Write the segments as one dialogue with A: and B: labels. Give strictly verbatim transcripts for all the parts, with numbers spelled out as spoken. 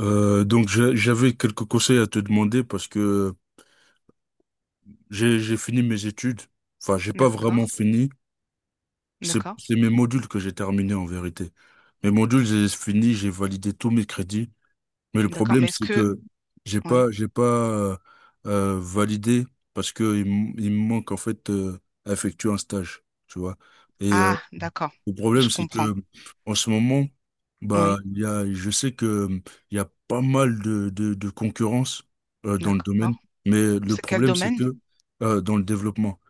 A: Euh, donc j'a- j'avais quelques conseils à te demander parce que j'ai j'ai fini mes études. Enfin, j'ai pas vraiment
B: D'accord,
A: fini. C'est
B: d'accord,
A: c'est mes modules que j'ai terminés en vérité. Mes modules, j'ai fini, j'ai validé tous mes crédits. Mais le
B: d'accord.
A: problème,
B: Mais est-ce
A: c'est
B: que...
A: que j'ai
B: Oui.
A: pas j'ai pas euh, euh, validé parce que il, m- il me manque en fait euh, à effectuer un stage, tu vois. Et euh,
B: Ah, d'accord.
A: Le problème,
B: Je
A: c'est
B: comprends.
A: que en ce moment, bah,
B: Oui,
A: il y a, je sais que euh, il y a pas mal de, de, de concurrence euh, dans le domaine,
B: d'accord.
A: mais le
B: C'est quel
A: problème, c'est
B: domaine?
A: que euh, dans le développement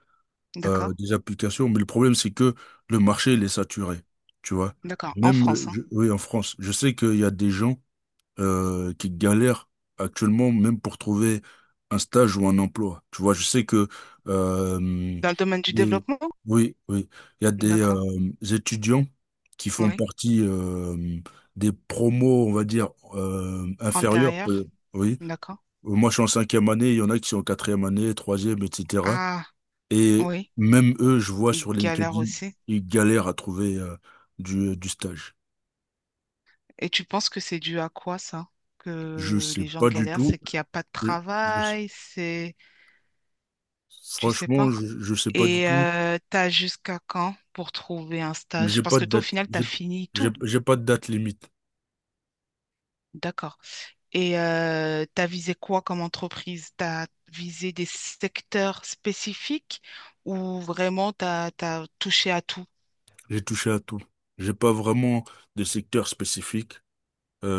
A: euh,
B: D'accord,
A: des applications, mais le problème, c'est que le marché, il est saturé, tu vois.
B: d'accord. En
A: Même,
B: France,
A: euh,
B: hein.
A: je- oui, en France, je sais qu'il y a des gens euh, qui galèrent actuellement même pour trouver un stage ou un emploi. Tu vois, je sais que euh,
B: Dans le domaine du
A: des-
B: développement?
A: oui, oui, il y a des
B: D'accord,
A: euh, étudiants qui font
B: oui.
A: partie euh, des promos, on va dire, euh, inférieurs. Euh,
B: Antérieur?
A: oui,
B: D'accord.
A: moi je suis en cinquième année, il y en a qui sont en quatrième année, troisième, et cetera.
B: Ah,
A: Et
B: oui.
A: même eux, je vois
B: Ils
A: sur
B: galèrent
A: LinkedIn,
B: aussi.
A: ils galèrent à trouver euh, du, du stage.
B: Et tu penses que c'est dû à quoi, ça?
A: Je
B: Que
A: sais
B: les gens
A: pas du
B: galèrent,
A: tout.
B: c'est qu'il n'y a pas de
A: Je, je-
B: travail, c'est... Tu sais
A: Franchement,
B: pas.
A: je, je sais pas du
B: Et
A: tout.
B: euh, t'as jusqu'à quand pour trouver un
A: Mais
B: stage?
A: J'ai
B: Parce
A: pas
B: que
A: de
B: toi, au
A: date,
B: final, t'as
A: j'ai,
B: fini
A: j'ai
B: tout.
A: j'ai pas de date limite.
B: D'accord. Et euh, tu as visé quoi comme entreprise? Tu as visé des secteurs spécifiques ou vraiment tu as, touché à tout?
A: J'ai touché à tout. J'ai pas vraiment de secteur spécifique.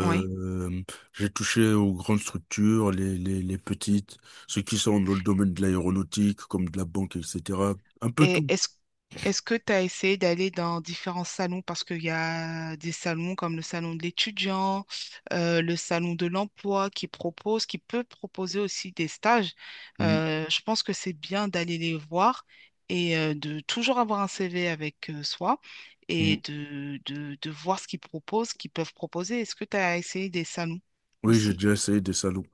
B: Oui.
A: j'ai touché aux grandes structures, les, les, les petites, ceux qui sont dans le domaine de l'aéronautique, comme de la banque, et cetera. Un peu
B: Et
A: tout.
B: est-ce est-ce que tu as essayé d'aller dans différents salons? Parce qu'il y a des salons comme le salon de l'étudiant, euh, le salon de l'emploi qui propose, qui peut proposer aussi des stages.
A: Mm,
B: Euh, je pense que c'est bien d'aller les voir et euh, de toujours avoir un C V avec euh, soi et
A: mm.
B: de, de, de voir ce qu'ils proposent, ce qu'ils peuvent proposer. Est-ce que tu as essayé des salons
A: Oui, j'ai
B: aussi?
A: déjà essayé des salons.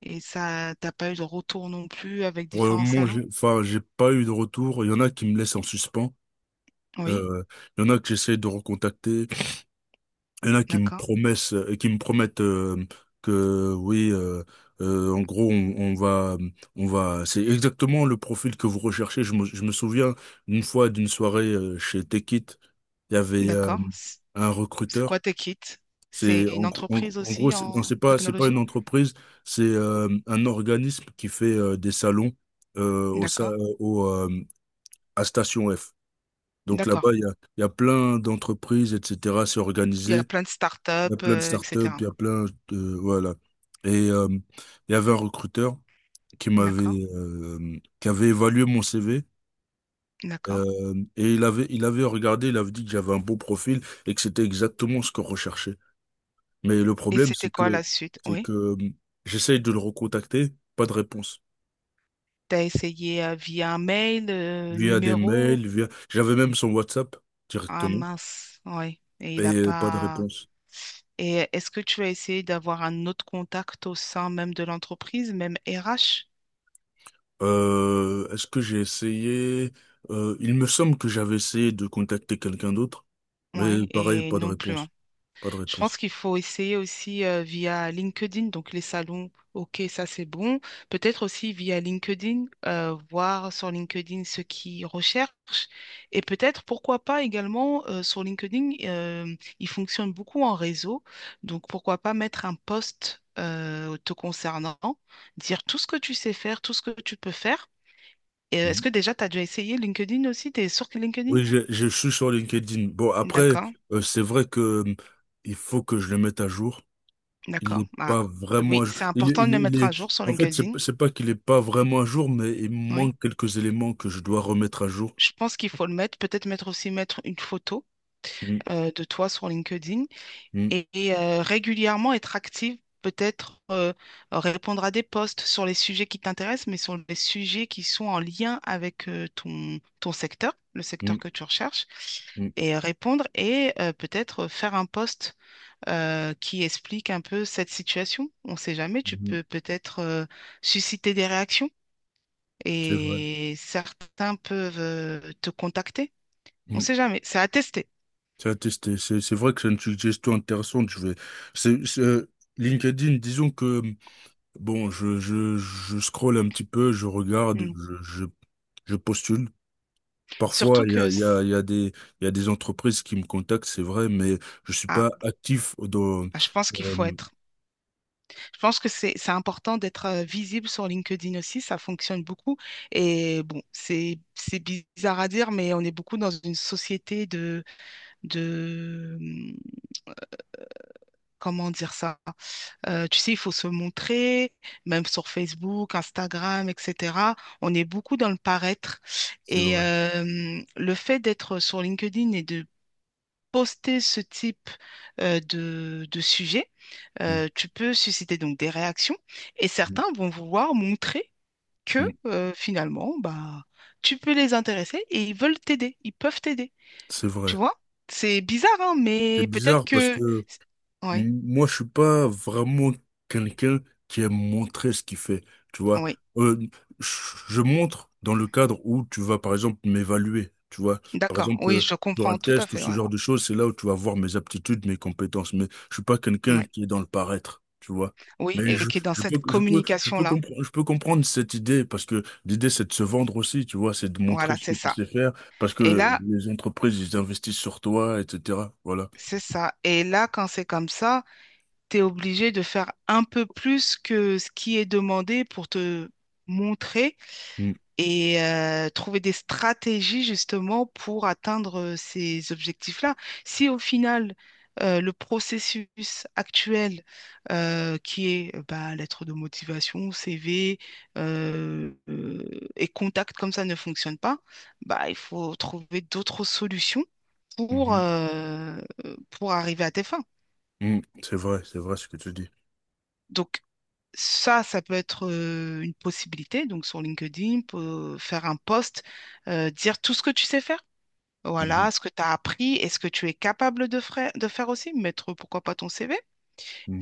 B: Et ça, t'as pas eu de retour non plus avec
A: Pour le
B: différents
A: moment,
B: salons?
A: j'ai, enfin, j'ai pas eu de retour. Il y en a qui me laissent en suspens.
B: Oui,
A: Euh, il y en a que j'essaie de recontacter. Il y en a qui me
B: d'accord,
A: promessent, qui me promettent euh, que oui, euh, euh, en gros, on, on va, on va. C'est exactement le profil que vous recherchez. Je me, je me souviens une fois d'une soirée euh, chez Tech It, il y avait euh,
B: d'accord.
A: un
B: C'est
A: recruteur.
B: quoi Techit? C'est
A: C'est en,
B: une
A: gros, en,
B: entreprise
A: en gros,
B: aussi
A: c'est non,
B: en
A: c'est pas, c'est pas une
B: technologie?
A: entreprise, c'est euh, un organisme qui fait euh, des salons euh, au, sa-
B: D'accord,
A: au, euh, à Station F. Donc là-bas,
B: d'accord.
A: il y a, il y a plein d'entreprises, et cetera. C'est
B: Il y
A: organisé.
B: a plein de
A: Il y
B: startups,
A: a plein de
B: euh,
A: startups,
B: et cetera.
A: il y a plein de... Voilà. Et euh, il y avait un recruteur qui
B: D'accord,
A: m'avait... euh, qui avait évalué mon C V.
B: d'accord.
A: Euh, et il avait, il avait regardé, il avait dit que j'avais un beau profil et que c'était exactement ce qu'on recherchait. Mais le
B: Et
A: problème,
B: c'était
A: c'est
B: quoi
A: que,
B: la suite?
A: c'est
B: Oui.
A: que euh, j'essaye de le recontacter, pas de réponse.
B: Tu as essayé euh, via un mail, euh,
A: Via des
B: numéro?
A: mails, via... J'avais même son WhatsApp
B: Ah
A: directement
B: mince, oui. Et
A: et
B: il n'a
A: euh, pas de
B: pas.
A: réponse.
B: Et est-ce que tu as essayé d'avoir un autre contact au sein même de l'entreprise, même R H?
A: Euh, est-ce que j'ai essayé? Euh, il me semble que j'avais essayé de contacter quelqu'un d'autre, mais
B: Oui,
A: pareil,
B: et
A: pas de
B: non plus, hein.
A: réponse, pas de
B: Je pense
A: réponse.
B: qu'il faut essayer aussi euh, via LinkedIn, donc les salons, ok, ça c'est bon. Peut-être aussi via LinkedIn, euh, voir sur LinkedIn ce qu'ils recherchent. Et peut-être, pourquoi pas également, euh, sur LinkedIn, euh, il fonctionne beaucoup en réseau. Donc pourquoi pas mettre un post euh, te concernant, dire tout ce que tu sais faire, tout ce que tu peux faire. Et, euh, est-ce
A: Mhm.
B: que déjà tu as déjà essayé LinkedIn aussi? Tu es sur LinkedIn?
A: Oui, je, je suis sur LinkedIn. Bon, après,
B: D'accord,
A: euh, c'est vrai que euh, il faut que je le mette à jour. Il
B: d'accord.
A: n'est
B: Ah.
A: pas vraiment
B: Oui,
A: à jour.
B: c'est
A: Il, est-
B: important de
A: il,
B: le
A: est- il
B: mettre à
A: est...
B: jour sur
A: En fait, c'est,
B: LinkedIn.
A: c'est pas qu'il n'est pas vraiment à jour, mais il
B: Oui,
A: manque quelques éléments que je dois remettre à jour.
B: je pense qu'il faut le mettre. Peut-être mettre aussi mettre une photo
A: Mm,
B: euh, de toi sur LinkedIn
A: mm,
B: et, et, euh, régulièrement être active. Peut-être euh, répondre à des posts sur les sujets qui t'intéressent, mais sur les sujets qui sont en lien avec euh, ton, ton secteur, le secteur
A: mm,
B: que tu recherches,
A: mm,
B: et répondre et euh, peut-être faire un post euh, qui explique un peu cette situation. On ne sait jamais, tu
A: mm.
B: peux peut-être euh, susciter des réactions
A: C'est vrai.
B: et certains peuvent euh, te contacter. On
A: Mm.
B: sait jamais. C'est à tester.
A: C'est à tester. C'est c'est vrai que c'est une suggestion intéressante. Je vais. c'est- c'est- euh, LinkedIn, disons que bon, je, je, je scrolle un petit peu, je regarde,
B: Mm.
A: je, je, je postule. Parfois,
B: Surtout
A: il y a,
B: que,
A: il y a,
B: c-
A: il y a des, il y a des entreprises qui me contactent, c'est vrai, mais je suis
B: ah,
A: pas actif dans.
B: ah, je pense qu'il faut
A: euh,
B: être. Je pense que c'est c'est important d'être euh, visible sur LinkedIn aussi. Ça fonctionne beaucoup. Et bon, c'est c'est bizarre à dire, mais on est beaucoup dans une société de de hum, comment dire ça? Euh, tu sais, il faut se montrer, même sur Facebook, Instagram, et cetera. On est beaucoup dans le paraître.
A: c'est
B: Et
A: vrai.
B: euh, le fait d'être sur LinkedIn et de poster ce type euh, de, de sujet,
A: Mm,
B: euh, tu peux susciter donc des réactions et
A: mm,
B: certains vont vouloir montrer que
A: mm.
B: euh, finalement, bah, tu peux les intéresser et ils veulent t'aider, ils peuvent t'aider.
A: C'est vrai.
B: Tu vois? C'est bizarre, hein,
A: C'est
B: mais peut-être
A: bizarre parce
B: que...
A: que
B: Oui,
A: Moi, je suis pas vraiment quelqu'un qui aime montrer ce qu'il fait, tu vois.
B: oui,
A: Euh, je je montre dans le cadre où tu vas, par exemple, m'évaluer, tu vois. Par
B: d'accord.
A: exemple,
B: Oui,
A: euh,
B: je
A: sur un
B: comprends tout à
A: test ou
B: fait.
A: ce
B: Ouais.
A: genre de choses, c'est là où tu vas voir mes aptitudes, mes compétences. Mais je suis pas quelqu'un
B: Ouais.
A: qui est dans le paraître, tu vois.
B: Oui,
A: Mais
B: et
A: je,
B: qui est dans
A: je peux,
B: cette
A: je peux, je peux
B: communication-là.
A: comprendre, je peux comprendre cette idée parce que l'idée, c'est de se vendre aussi, tu vois, c'est de montrer
B: Voilà,
A: ce
B: c'est
A: que tu
B: ça.
A: sais faire parce
B: Et
A: que
B: là,
A: les entreprises, ils investissent sur toi, et cetera. Voilà.
B: c'est ça. Et là, quand c'est comme ça... tu es obligé de faire un peu plus que ce qui est demandé pour te montrer et euh, trouver des stratégies justement pour atteindre euh, ces objectifs-là. Si au final, euh, le processus actuel euh, qui est euh, bah, lettre de motivation, C V euh, euh, et contact comme ça ne fonctionne pas, bah, il faut trouver d'autres solutions pour,
A: Mm.
B: euh, pour arriver à tes fins.
A: Mhm. C'est vrai, c'est vrai ce que tu dis.
B: Donc, Ça, ça peut être euh, une possibilité. Donc, sur LinkedIn, peut faire un post, euh, dire tout ce que tu sais faire. Voilà,
A: Mhm.
B: ce que tu as appris et ce que tu es capable de, fra- de faire aussi. Mettre, pourquoi pas, ton C V.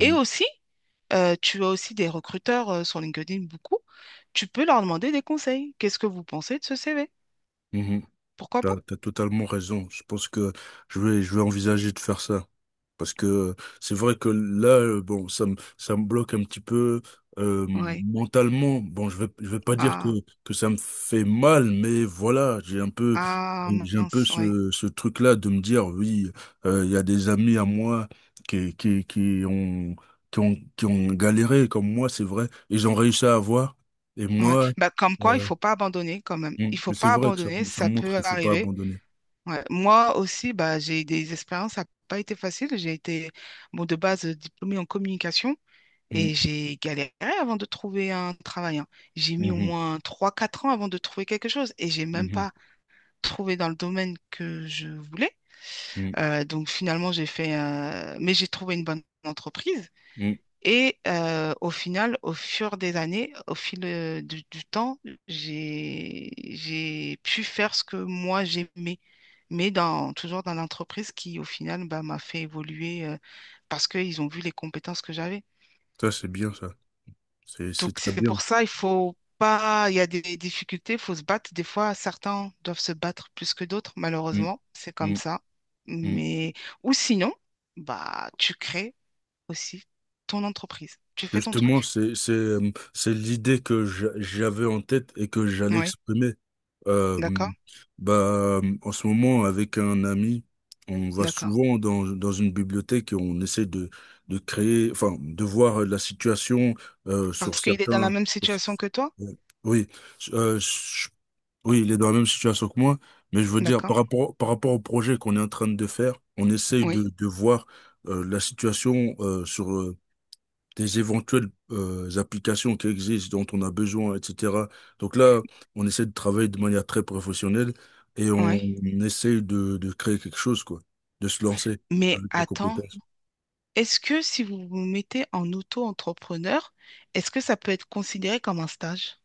B: Et aussi, euh, tu as aussi des recruteurs euh, sur LinkedIn, beaucoup. Tu peux leur demander des conseils. Qu'est-ce que vous pensez de ce C V?
A: Mhm.
B: Pourquoi
A: T'as,
B: pas?
A: as totalement raison. Je pense que je vais, je vais envisager de faire ça. Parce que c'est vrai que là, euh, bon, ça me, ça me bloque un petit peu euh,
B: Oui.
A: mentalement. Bon, je vais, je vais pas dire que,
B: Ah,
A: que ça me fait mal, mais voilà, j'ai un peu,
B: ah,
A: j'ai un peu
B: mince, oui.
A: ce, ce truc-là de me dire, oui, euh, il y a des amis à moi qui, qui, qui ont, qui ont, qui ont galéré comme moi, c'est vrai, ils ont réussi à avoir. Et
B: Ouais. Ouais.
A: moi,
B: Bah, comme quoi, il
A: euh,
B: faut pas abandonner quand même.
A: mm,
B: Il faut
A: c'est
B: pas
A: vrai que ça,
B: abandonner,
A: ça
B: ça
A: montre
B: peut
A: qu'il faut pas
B: arriver.
A: abandonner.
B: Ouais, Moi aussi, bah, j'ai des expériences, ça n'a pas été facile. J'ai été, bon, de base, euh, diplômée en communication
A: Mm,
B: et j'ai galéré avant de trouver un travail, hein. J'ai mis au
A: mhm,
B: moins trois, quatre ans avant de trouver quelque chose et j'ai même
A: mhm,
B: pas trouvé dans le domaine que je voulais. Euh, donc finalement, j'ai fait, euh, mais j'ai trouvé une bonne entreprise
A: mm, mm.
B: et euh, au final, au fur des années, au fil euh, du, du temps, j'ai j'ai pu faire ce que moi j'aimais, mais dans, toujours dans l'entreprise qui, au final, bah, m'a fait évoluer euh, parce qu'ils ont vu les compétences que j'avais.
A: Ça, c'est bien, ça. C'est, c'est
B: Donc
A: très
B: c'est
A: bien.
B: pour ça, il faut pas, il y a des difficultés, il faut se battre. Des fois, certains doivent se battre plus que d'autres,
A: Mm,
B: malheureusement, c'est comme
A: mm,
B: ça.
A: mm.
B: Mais ou sinon, bah tu crées aussi ton entreprise, tu fais ton
A: Justement,
B: truc.
A: c'est, c'est, euh, c'est l'idée que j'a- j'avais en tête et que j'allais
B: Oui.
A: exprimer. Euh,
B: D'accord,
A: Bah, en ce moment, avec un ami, on va
B: d'accord.
A: souvent dans, dans une bibliothèque et on essaie de, de créer, enfin, de voir la situation euh, sur
B: Parce qu'il est dans la
A: certains.
B: même
A: sur-
B: situation que toi?
A: oui, euh, je- oui, il est dans la même situation que moi, mais je veux dire,
B: D'accord,
A: par rapport, par rapport au projet qu'on est en train de faire, on essaye de,
B: oui,
A: de voir euh, la situation euh, sur, des éventuelles euh, applications qui existent, dont on a besoin, et cetera. Donc là, on essaie de travailler de manière très professionnelle et on,
B: oui.
A: on essaie de, de créer quelque chose, quoi, de se lancer
B: Mais
A: avec nos
B: attends,
A: compétences.
B: est-ce que si vous vous mettez en auto-entrepreneur, est-ce que ça peut être considéré comme un stage?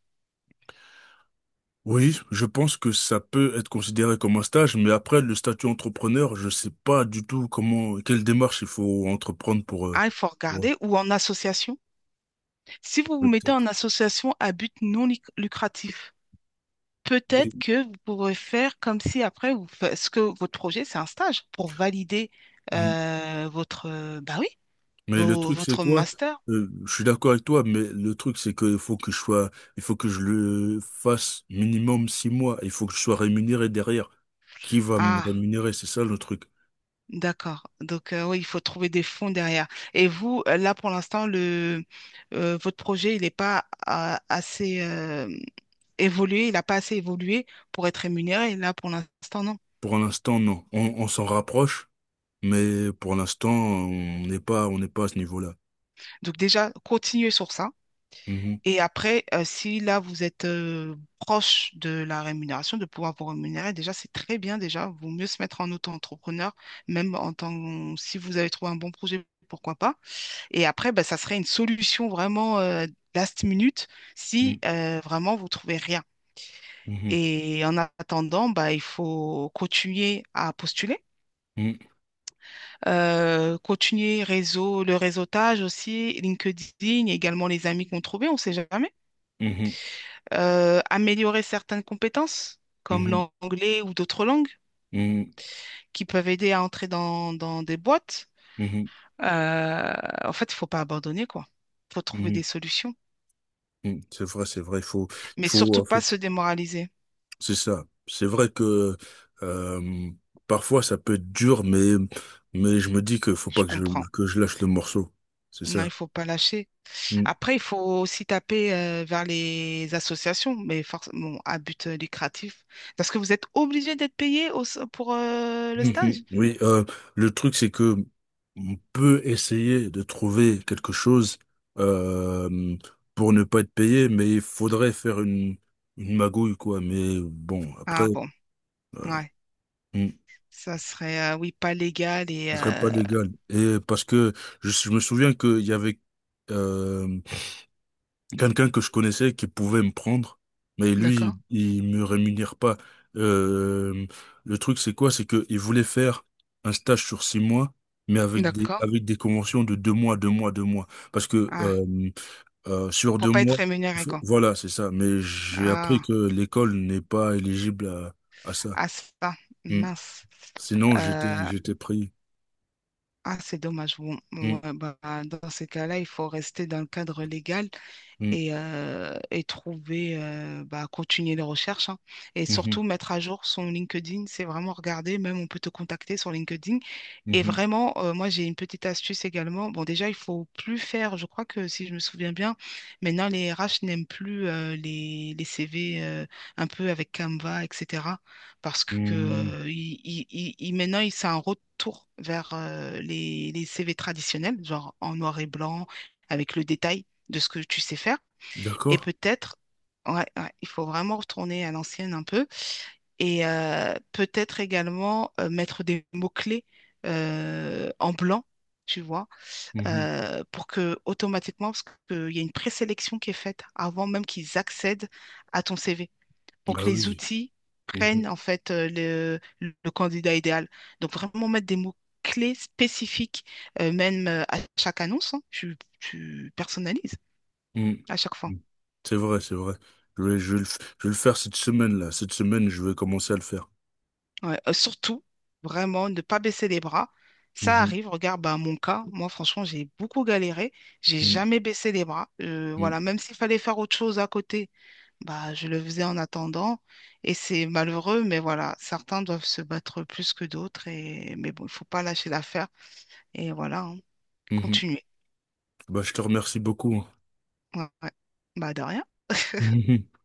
A: Oui, je pense que ça peut être considéré comme un stage, mais après, le statut entrepreneur, je sais pas du tout comment, quelle démarche il faut entreprendre pour... euh,
B: Ah, il faut
A: ouais,
B: regarder, ou en association. Si vous vous mettez
A: peut-être.
B: en association à but non luc- lucratif, peut-être
A: Oui.
B: que vous pourrez faire comme si après, vous fa- ce que votre projet, c'est un stage pour valider
A: Mm.
B: euh, votre, euh, bah oui,
A: Mais le
B: vo-
A: truc, c'est
B: votre
A: quoi?
B: master.
A: Euh, je suis d'accord avec toi, mais le truc, c'est qu'il faut que je sois, il faut que je le fasse minimum six mois. Il faut que je sois rémunéré derrière. Qui va me
B: Ah.
A: rémunérer? C'est ça le truc.
B: D'accord. Donc, euh, oui, il faut trouver des fonds derrière. Et vous, euh, là, pour l'instant, le, euh, votre projet, il n'est pas euh, assez euh, évolué, il n'a pas assez évolué pour être rémunéré. Là, pour l'instant, non.
A: Pour l'instant, non. On, on s'en rapproche, mais pour l'instant, on n'est pas, on n'est pas à ce niveau-là.
B: Donc, déjà, continuez sur ça.
A: Mhm,
B: Et après, euh, si là, vous êtes euh, proche de la rémunération, de pouvoir vous rémunérer, déjà, c'est très bien. Déjà, vaut mieux se mettre en auto-entrepreneur, même en tant si vous avez trouvé un bon projet, pourquoi pas. Et après, bah, ça serait une solution vraiment euh, last minute si
A: mhm,
B: euh, vraiment vous trouvez rien.
A: mhm,
B: Et en attendant, bah, il faut continuer à postuler,
A: mhm,
B: euh, continuer réseau, le réseautage aussi, LinkedIn, et également les amis qu'on trouvait, on ne sait jamais. Euh, améliorer certaines compétences, comme
A: mhm,
B: l'anglais ou d'autres langues,
A: mhm,
B: qui peuvent aider à entrer dans, dans des boîtes.
A: mhm,
B: Euh, En fait, il ne faut pas abandonner, quoi. Il faut
A: mhm,
B: trouver des
A: mhm,
B: solutions,
A: mhm. C'est vrai, c'est vrai. Il faut, il
B: mais
A: faut,
B: surtout
A: en
B: pas
A: fait,
B: se démoraliser.
A: c'est ça. C'est vrai que euh, parfois ça peut être dur, mais mais je me dis que faut
B: Je
A: pas que je
B: comprends.
A: que je lâche le morceau. C'est
B: Non,
A: ça.
B: il faut pas lâcher.
A: Mm.
B: Après, il faut aussi taper euh, vers les associations, mais forcément à but euh, lucratif. Parce que vous êtes obligé d'être payé au- pour euh, le stage?
A: Mhm. Oui. Euh, le truc c'est que on peut essayer de trouver quelque chose euh, pour ne pas être payé, mais il faudrait faire une une magouille quoi. Mais bon, après,
B: Ah bon, ouais.
A: mm,
B: Ça serait, euh, oui, pas légal et...
A: ce serait pas
B: euh,
A: légal. Et parce que je, je me souviens qu'il y avait euh, quelqu'un que je connaissais qui pouvait me prendre, mais
B: D'accord,
A: lui, il me rémunère pas. Euh, le truc, c'est quoi? C'est que il voulait faire un stage sur six mois, mais avec des,
B: d'accord.
A: avec des conventions de deux mois, deux mois, deux mois. Parce que
B: Ah,
A: euh, euh, sur deux
B: pour pas être
A: mois, il
B: rémunéré,
A: faut-
B: quoi.
A: voilà, c'est ça. Mais j'ai appris
B: Ah,
A: que l'école n'est pas éligible à, à ça.
B: ah ça,
A: Mm.
B: mince.
A: Sinon, j'étais,
B: Euh,
A: j'étais pris.
B: ah, c'est dommage. Bon,
A: Mm,
B: ouais, bah, dans ces cas-là, il faut rester dans le cadre légal
A: mm,
B: et, euh, et trouver, euh, bah, continuer les recherches, hein. Et
A: mhm,
B: surtout, mettre à jour son LinkedIn, c'est vraiment regarder. Même, on peut te contacter sur LinkedIn. Et
A: mhm,
B: vraiment, euh, moi, j'ai une petite astuce également. Bon, déjà, il faut plus faire, je crois que si je me souviens bien, maintenant, les R H n'aiment plus euh, les, les C V euh, un peu avec Canva, et cetera. Parce que
A: mm.
B: euh, il- il- il- il- maintenant, il- c'est un retour vers euh, les, les C V traditionnels, genre en noir et blanc, avec le détail de ce que tu sais faire. Et
A: D'accord?
B: peut-être, ouais, ouais, il faut vraiment retourner à l'ancienne un peu. Et euh, peut-être également euh, mettre des mots-clés euh, en blanc, tu vois,
A: Mhm.
B: euh, pour que automatiquement, parce qu'il y a une présélection qui est faite avant même qu'ils accèdent à ton C V, pour que
A: Ah
B: les
A: oui.
B: outils prennent en fait euh, le, le candidat idéal. Donc vraiment mettre des mots-clés spécifiques, euh, même euh, à chaque annonce, hein, tu, tu personnalises
A: Mm.
B: à chaque fois.
A: Mm. C'est vrai, c'est vrai. Je vais, je vais le, f- je vais le faire cette semaine-là. Cette semaine, je vais commencer à le faire.
B: Ouais, euh, surtout, vraiment, ne pas baisser les bras. Ça
A: Mhm.
B: arrive, regarde, bah, mon cas, moi, franchement, j'ai beaucoup galéré. J'ai
A: Mm.
B: jamais baissé les bras. Euh,
A: Mm.
B: voilà, même s'il fallait faire autre chose à côté, bah, je le faisais en attendant. Et c'est malheureux, mais voilà, certains doivent se battre plus que d'autres. Et... Mais bon, il faut pas lâcher l'affaire. Et voilà, hein.
A: Mhm.
B: Continuer.
A: Bah, je te remercie beaucoup.
B: Ouais, ouais. Bah, de rien.